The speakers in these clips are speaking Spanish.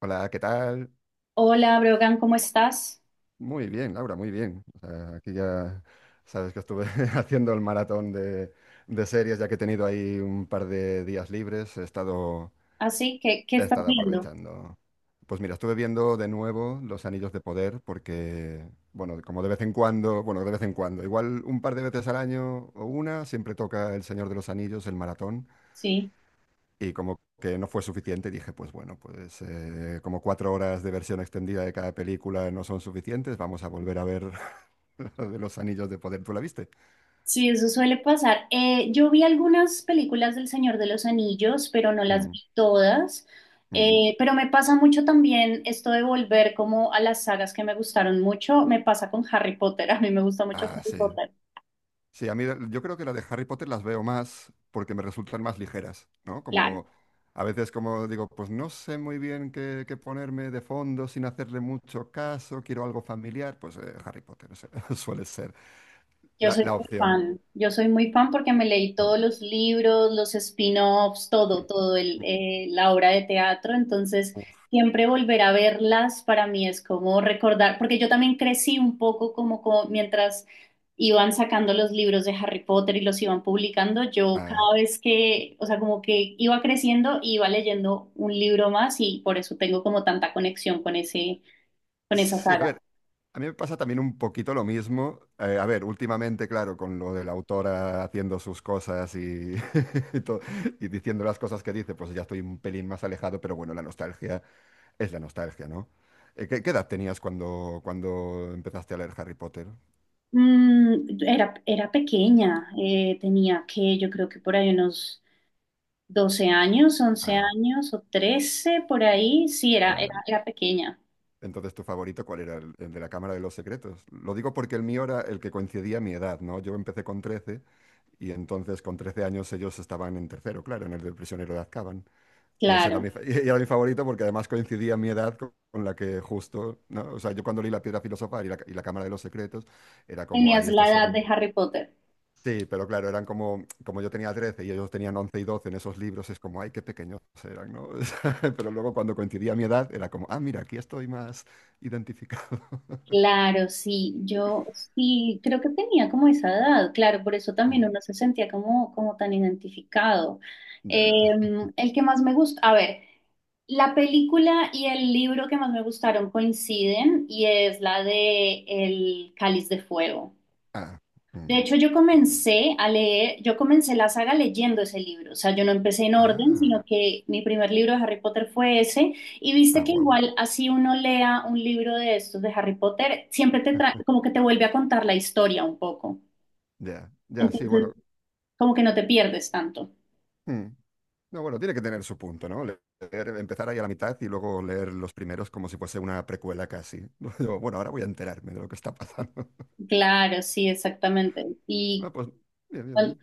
Hola, ¿qué tal? Hola, Brogan, ¿cómo estás? Muy bien, Laura, muy bien. O sea, aquí ya sabes que estuve haciendo el maratón de series, ya que he tenido ahí un par de días libres, Así, ¿qué he estás estado viendo? aprovechando. Pues mira, estuve viendo de nuevo Los Anillos de Poder porque, bueno, como de vez en cuando, bueno, de vez en cuando, igual un par de veces al año o una, siempre toca El Señor de los Anillos, el maratón. Sí, Y como que no fue suficiente, dije, pues bueno, pues como cuatro horas de versión extendida de cada película no son suficientes, vamos a volver a ver la de los anillos de poder. ¿Tú la viste? sí, eso suele pasar. Yo vi algunas películas del Señor de los Anillos, pero no las Mm, vi todas. mm. Pero me pasa mucho también esto de volver como a las sagas que me gustaron mucho. Me pasa con Harry Potter. A mí me gusta mucho Ah, Harry sí. Potter. Sí, a mí yo creo que las de Harry Potter las veo más porque me resultan más ligeras, ¿no? Claro. Como a veces como digo, pues no sé muy bien qué ponerme de fondo sin hacerle mucho caso, quiero algo familiar, pues Harry Potter o sea, suele ser Yo la, soy la muy opción. fan, yo soy muy fan porque me leí Mm, todos los libros, los spin-offs, todo, todo el, mm. eh, la obra de teatro, entonces Uf, siempre volver a verlas para mí es como recordar, porque yo también crecí un poco como mientras iban sacando los libros de Harry Potter y los iban publicando, yo ah, cada vez que, o sea, como que iba creciendo, iba leyendo un libro más y por eso tengo como tanta conexión con ese, con esa sí, a ver. saga. A mí me pasa también un poquito lo mismo. A ver, últimamente, claro, con lo de la autora haciendo sus cosas y, y, to- y diciendo las cosas que dice, pues ya estoy un pelín más alejado, pero bueno, la nostalgia es la nostalgia, ¿no? ¿Qué edad tenías cuando empezaste a leer Harry Potter? Era pequeña, tenía que, yo creo que por ahí unos 12 años, once Ah, años o 13 por ahí, sí, era, era, vale. era pequeña, Entonces, ¿tu favorito cuál era? ¿El de la Cámara de los Secretos? Lo digo porque el mío era el que coincidía a mi edad, ¿no? Yo empecé con 13 y entonces con 13 años ellos estaban en tercero, claro, en el del prisionero de Azkaban. Y ese era claro. mi, y era mi favorito porque además coincidía mi edad con la que justo, ¿no? O sea, yo cuando leí La Piedra Filosofal y la Cámara de los Secretos, era como, ay, Tenías la estos edad son... de Harry Potter. Sí, pero claro, eran como yo tenía 13 y ellos tenían 11 y 12 en esos libros, es como, ay, qué pequeños eran, ¿no? O sea, pero luego cuando coincidía mi edad, era como, ah, mira, aquí estoy más identificado. Claro, sí, yo sí creo que tenía como esa edad, claro, por eso también Mm, uno se sentía como tan identificado. Eh, ya. el que más me gusta, a ver, la película y el libro que más me gustaron coinciden y es la de El Cáliz de Fuego. Ah, De mm, hecho, ya. Yo comencé la saga leyendo ese libro, o sea, yo no empecé en orden, Ah, sino que mi primer libro de Harry Potter fue ese, y viste ah, que wow. igual así uno lea un libro de estos de Harry Potter, siempre te trae, como que te vuelve a contar la historia un poco, Ya, ya, sí, entonces bueno. como que no te pierdes tanto. Mm. No, bueno, tiene que tener su punto, ¿no? Empezar ahí a la mitad y luego leer los primeros como si fuese una precuela casi. Yo, bueno, ahora voy a enterarme de lo que está pasando. Claro, sí, exactamente. Y Ah, pues, bien, bien,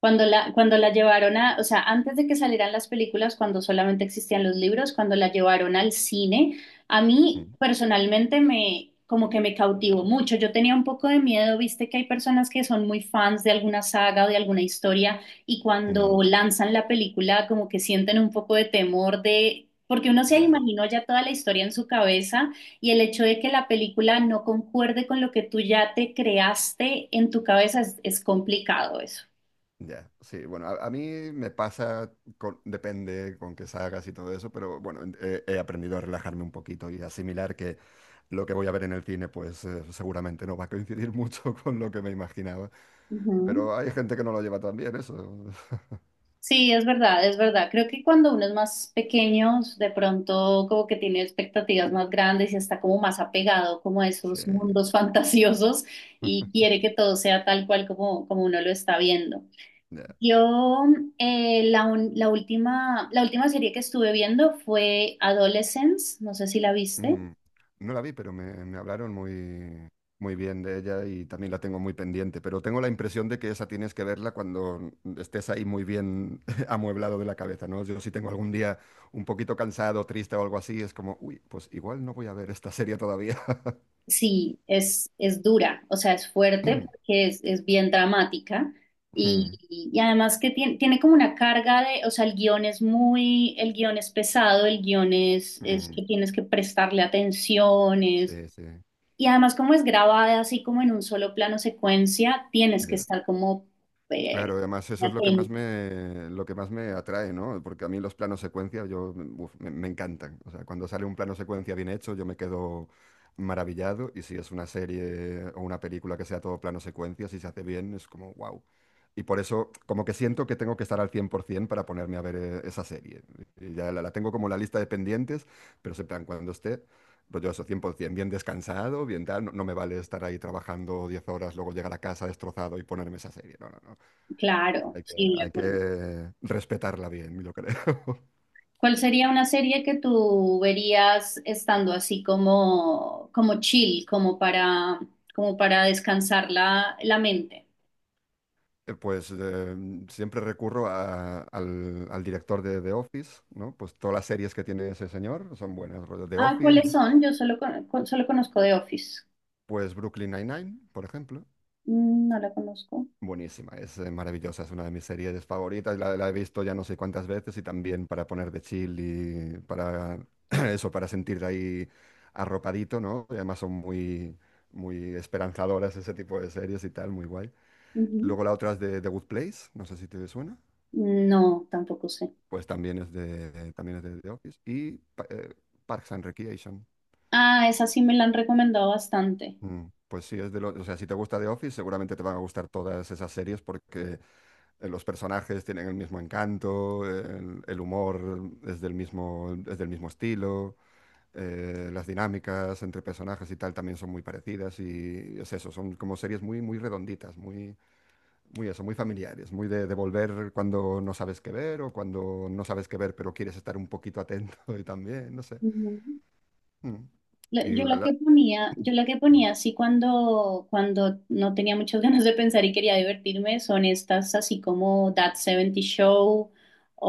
cuando la llevaron a, o sea, antes de que salieran las películas, cuando solamente existían los libros, cuando la llevaron al cine, a mí bien. personalmente me, como que me cautivó mucho. Yo tenía un poco de miedo, viste que hay personas que son muy fans de alguna saga o de alguna historia y Mm, mm, cuando lanzan la película como que sienten un poco de temor de. Porque uno se ya, imaginó ya toda la historia en su cabeza y el hecho de que la película no concuerde con lo que tú ya te creaste en tu cabeza es complicado eso. ya. Sí, bueno, a mí me pasa, depende con qué sagas y todo eso, pero bueno, he aprendido a relajarme un poquito y asimilar que lo que voy a ver en el cine, pues seguramente no va a coincidir mucho con lo que me imaginaba. Ujú. Pero hay gente que no lo lleva tan bien, eso. Sí, es verdad. Creo que cuando uno es más pequeño, de pronto como que tiene expectativas más grandes y está como más apegado como a esos Sí, mundos fantasiosos y quiere que todo sea tal cual como uno lo está viendo. ya. Yo la última serie que estuve viendo fue Adolescence, no sé si la viste. Mm, no la vi, pero me hablaron muy, muy bien de ella y también la tengo muy pendiente. Pero tengo la impresión de que esa tienes que verla cuando estés ahí muy bien amueblado de la cabeza, ¿no? Yo si tengo algún día un poquito cansado, triste o algo así, es como, uy, pues igual no voy a ver esta serie todavía. Sí, es dura, o sea, es fuerte porque es bien dramática Mm, y además que tiene como una carga de, o sea, el guión es muy, el guión es pesado, el guión es mm, que tienes que prestarle atención, es- sí, sí, y además como es grabada así como en un solo plano secuencia, tienes que ya. estar como eh, Claro, además eso es atento, lo que más me atrae, ¿no? Porque a mí los planos secuencia yo, uf, me encantan. O sea, cuando sale un plano secuencia bien hecho, yo me quedo maravillado. Y si es una serie o una película que sea todo plano secuencia, si se hace bien, es como wow. Y por eso, como que siento que tengo que estar al 100% para ponerme a ver esa serie. Y ya la tengo como la lista de pendientes, pero siempre en plan, cuando esté, pues yo eso, 100%, bien descansado, bien tal. No, no me vale estar ahí trabajando 10 horas, luego llegar a casa destrozado y ponerme esa serie. No, no, no. claro, Hay que, sí, de hay acuerdo. que respetarla bien, yo creo. ¿Cuál sería una serie que tú verías estando así como, como chill, como para, como para descansar la, la mente? Pues siempre recurro al director de The Office, ¿no? Pues todas las series que tiene ese señor son buenas. Rollo The Ah, Office, ¿cuáles pues son? Yo solo, solo conozco The Office. pues Brooklyn Nine-Nine, por ejemplo. No la conozco. Buenísima, es maravillosa, es una de mis series favoritas. La he visto ya no sé cuántas veces y también para poner de chill y para eso, para sentir ahí arropadito, ¿no? Y además son muy, muy esperanzadoras ese tipo de series y tal, muy guay. Ujú. Luego la otra es de The Good Place, no sé si te suena. No, tampoco sé. Pues también es de, también es de The Office. Y Parks and Recreation. Ah, esa sí me la han recomendado bastante. Mm. Pues sí, es de lo, o sea, si te gusta The Office, seguramente te van a gustar todas esas series porque los personajes tienen el mismo encanto, el humor es del mismo estilo, las dinámicas entre personajes y tal también son muy parecidas y es eso, son como series muy, muy redonditas, muy, muy eso, muy familiares, muy de volver cuando no sabes qué ver o cuando no sabes qué ver, pero quieres estar un poquito atento y también, no sé. Ujú. Mm. Yo Y la que ponía, yo la que ponía así cuando, cuando no tenía muchas ganas de pensar y quería divertirme son estas así como That 70 Show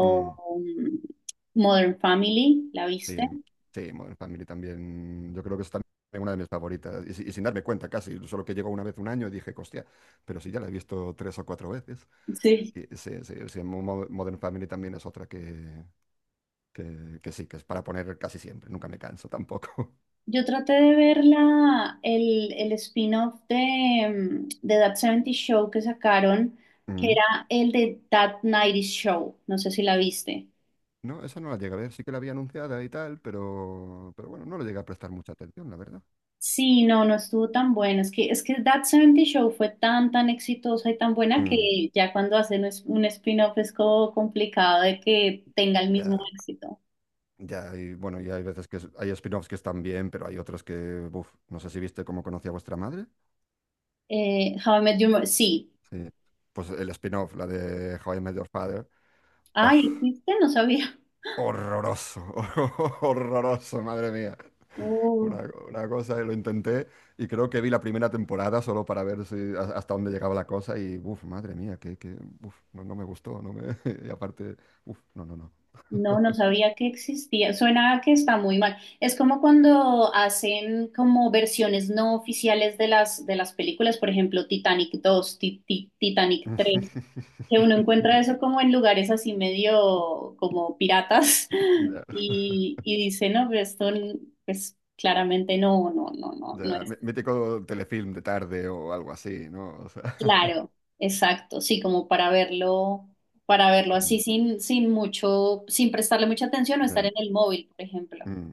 mm, mm, Modern Family, ¿la viste? sí, sí, Modern Family también. Yo creo que es también una de mis favoritas. Y sin darme cuenta casi, solo que llegó una vez un año y dije, hostia, pero sí ya la he visto tres o cuatro veces. Sí. Y sí, sí, sí, Modern Family también es otra que sí, que es para poner casi siempre. Nunca me canso tampoco. Yo traté de ver la, el spin-off de, de That 70 Show que sacaron, que era el de That 90 Show, no sé si la viste. No, esa no la llegué a ver, sí que la había anunciada y tal, pero bueno, no le llegué a prestar mucha atención, la verdad. Sí, no, no estuvo tan bueno. Es que That 70 Show fue tan exitosa y tan buena Mm, que ya cuando hacen un spin-off es como complicado de que tenga el mismo ya, éxito. ya, y bueno, y hay veces que hay spin-offs que están bien, pero hay otros que, buf, no sé si viste Cómo Conocí a Vuestra Madre. How I Met Your Mother, sí. Sí. Pues el spin-off, la de How I Met Your Father, uf, Ay, ¿existe? No sabía. horroroso, horroroso, madre mía. Uh, Una, una cosa, lo intenté y creo que vi la primera temporada solo para ver si, hasta dónde llegaba la cosa y, uff, madre mía, no, no me gustó, no me, y aparte, uff, no, no, no. no, no sabía que existía. Suena a que está muy mal. Es como cuando hacen como versiones no oficiales de las películas, por ejemplo, Titanic 2, Titanic 3. Que uno encuentra eso como en lugares así medio como piratas Ya, y dice, no, pero esto n- pues claramente no ya, es mítico telefilm de tarde o algo así, ¿no? O sea, claro, exacto, sí, como para verlo mm, así sin, sin mucho, sin prestarle mucha atención o estar ya, en el móvil, por ejemplo. mm.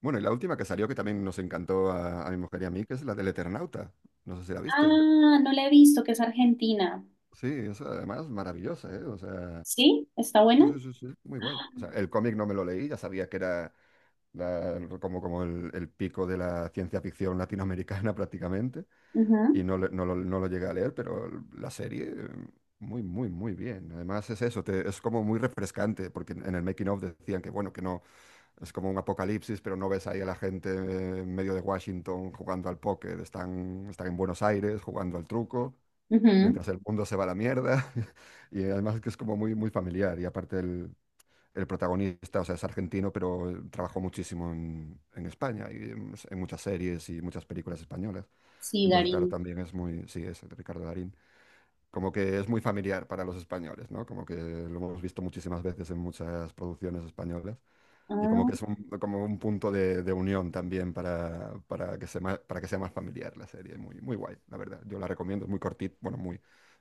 Bueno, y la última que salió que también nos encantó a mi mujer y a mí, que es la del Eternauta. No sé si la Ah, viste. no la he visto, que es Argentina. Sí, esa además maravillosa, ¿eh? O sea, ¿Sí? ¿Está sí, buena? sí, sí, sí, muy guay. O sea, el cómic no me lo leí, ya sabía que era como el pico de la ciencia ficción latinoamericana prácticamente, y no, no lo llegué a leer, pero la serie, muy, muy, muy bien. Además es eso, es como muy refrescante, porque en el making of decían que, bueno, que no, es como un apocalipsis, pero no ves ahí a la gente en medio de Washington jugando al póker, están en Buenos Aires jugando al truco Ujú, mientras ujú. el mundo se va a la mierda. Y además que es como muy, muy familiar. Y aparte el protagonista, o sea, es argentino, pero trabajó muchísimo en España y en muchas series y muchas películas españolas. Sí, Entonces, claro, Darín. también es muy, sí, es el Ricardo Darín. Como que es muy familiar para los españoles, ¿no? Como que lo hemos visto muchísimas veces en muchas producciones españolas. Y como que es Ah, como un punto de unión también para para que sea más familiar la serie. Muy, muy guay, la verdad. Yo la recomiendo, es muy cortita, bueno, muy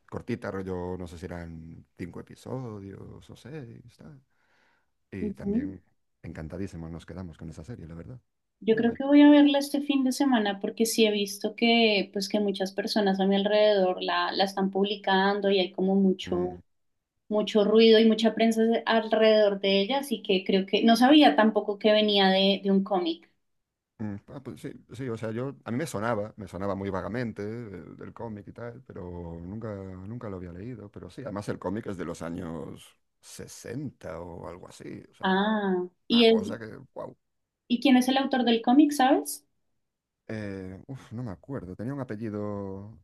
cortita, rollo, no sé si eran cinco episodios o seis, tal. Y ujú. también encantadísimos nos quedamos con esa serie, la verdad. Yo Muy creo guay. que voy a verla este fin de semana porque sí he visto que, pues, que muchas personas a mi alrededor la están publicando y hay como mucho, Mm, mucho ruido y mucha prensa alrededor de ella, así que creo que no sabía tampoco que venía de un cómic. mm, ah, pues sí, sí, o sea, a mí me sonaba muy vagamente del cómic y tal, pero nunca lo había leído. Pero sí, además el cómic es de los años 60 o algo así, o sea, Ah, ¿y, una es, cosa que, wow. ¿y quién es el autor del cómic, sabes? Uf, no me acuerdo. Tenía un apellido,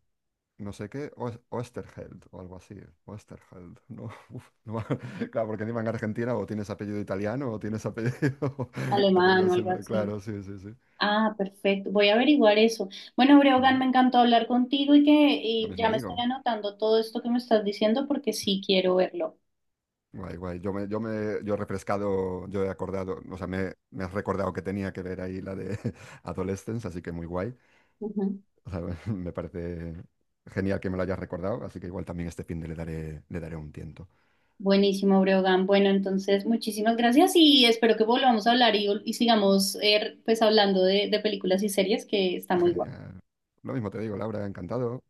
no sé qué, Oesterheld o algo así. Oesterheld. No, uf, no me- Claro, porque encima en Argentina o tienes apellido italiano o tienes apellido. Apellido Alemán o así, algo ¿no? así. Claro, sí, sí, sí. Ah, perfecto. Voy a averiguar eso. Bueno, Ujú. Breogán, me encantó hablar contigo y que Lo y ya mismo me estoy digo. anotando todo esto que me estás diciendo porque sí quiero verlo. Guay, guay. Yo me, yo me, yo he refrescado, yo he acordado, o sea, me has recordado que tenía que ver ahí la de Adolescence, así que muy guay. Ujú. O sea, me parece genial que me lo hayas recordado, así que igual también este fin de le daré un tiento. Buenísimo, Breogán. Bueno, entonces, muchísimas gracias y espero que volvamos a hablar y sigamos pues hablando de películas y series que está muy guay. Genial. Lo mismo te digo, Laura, encantado.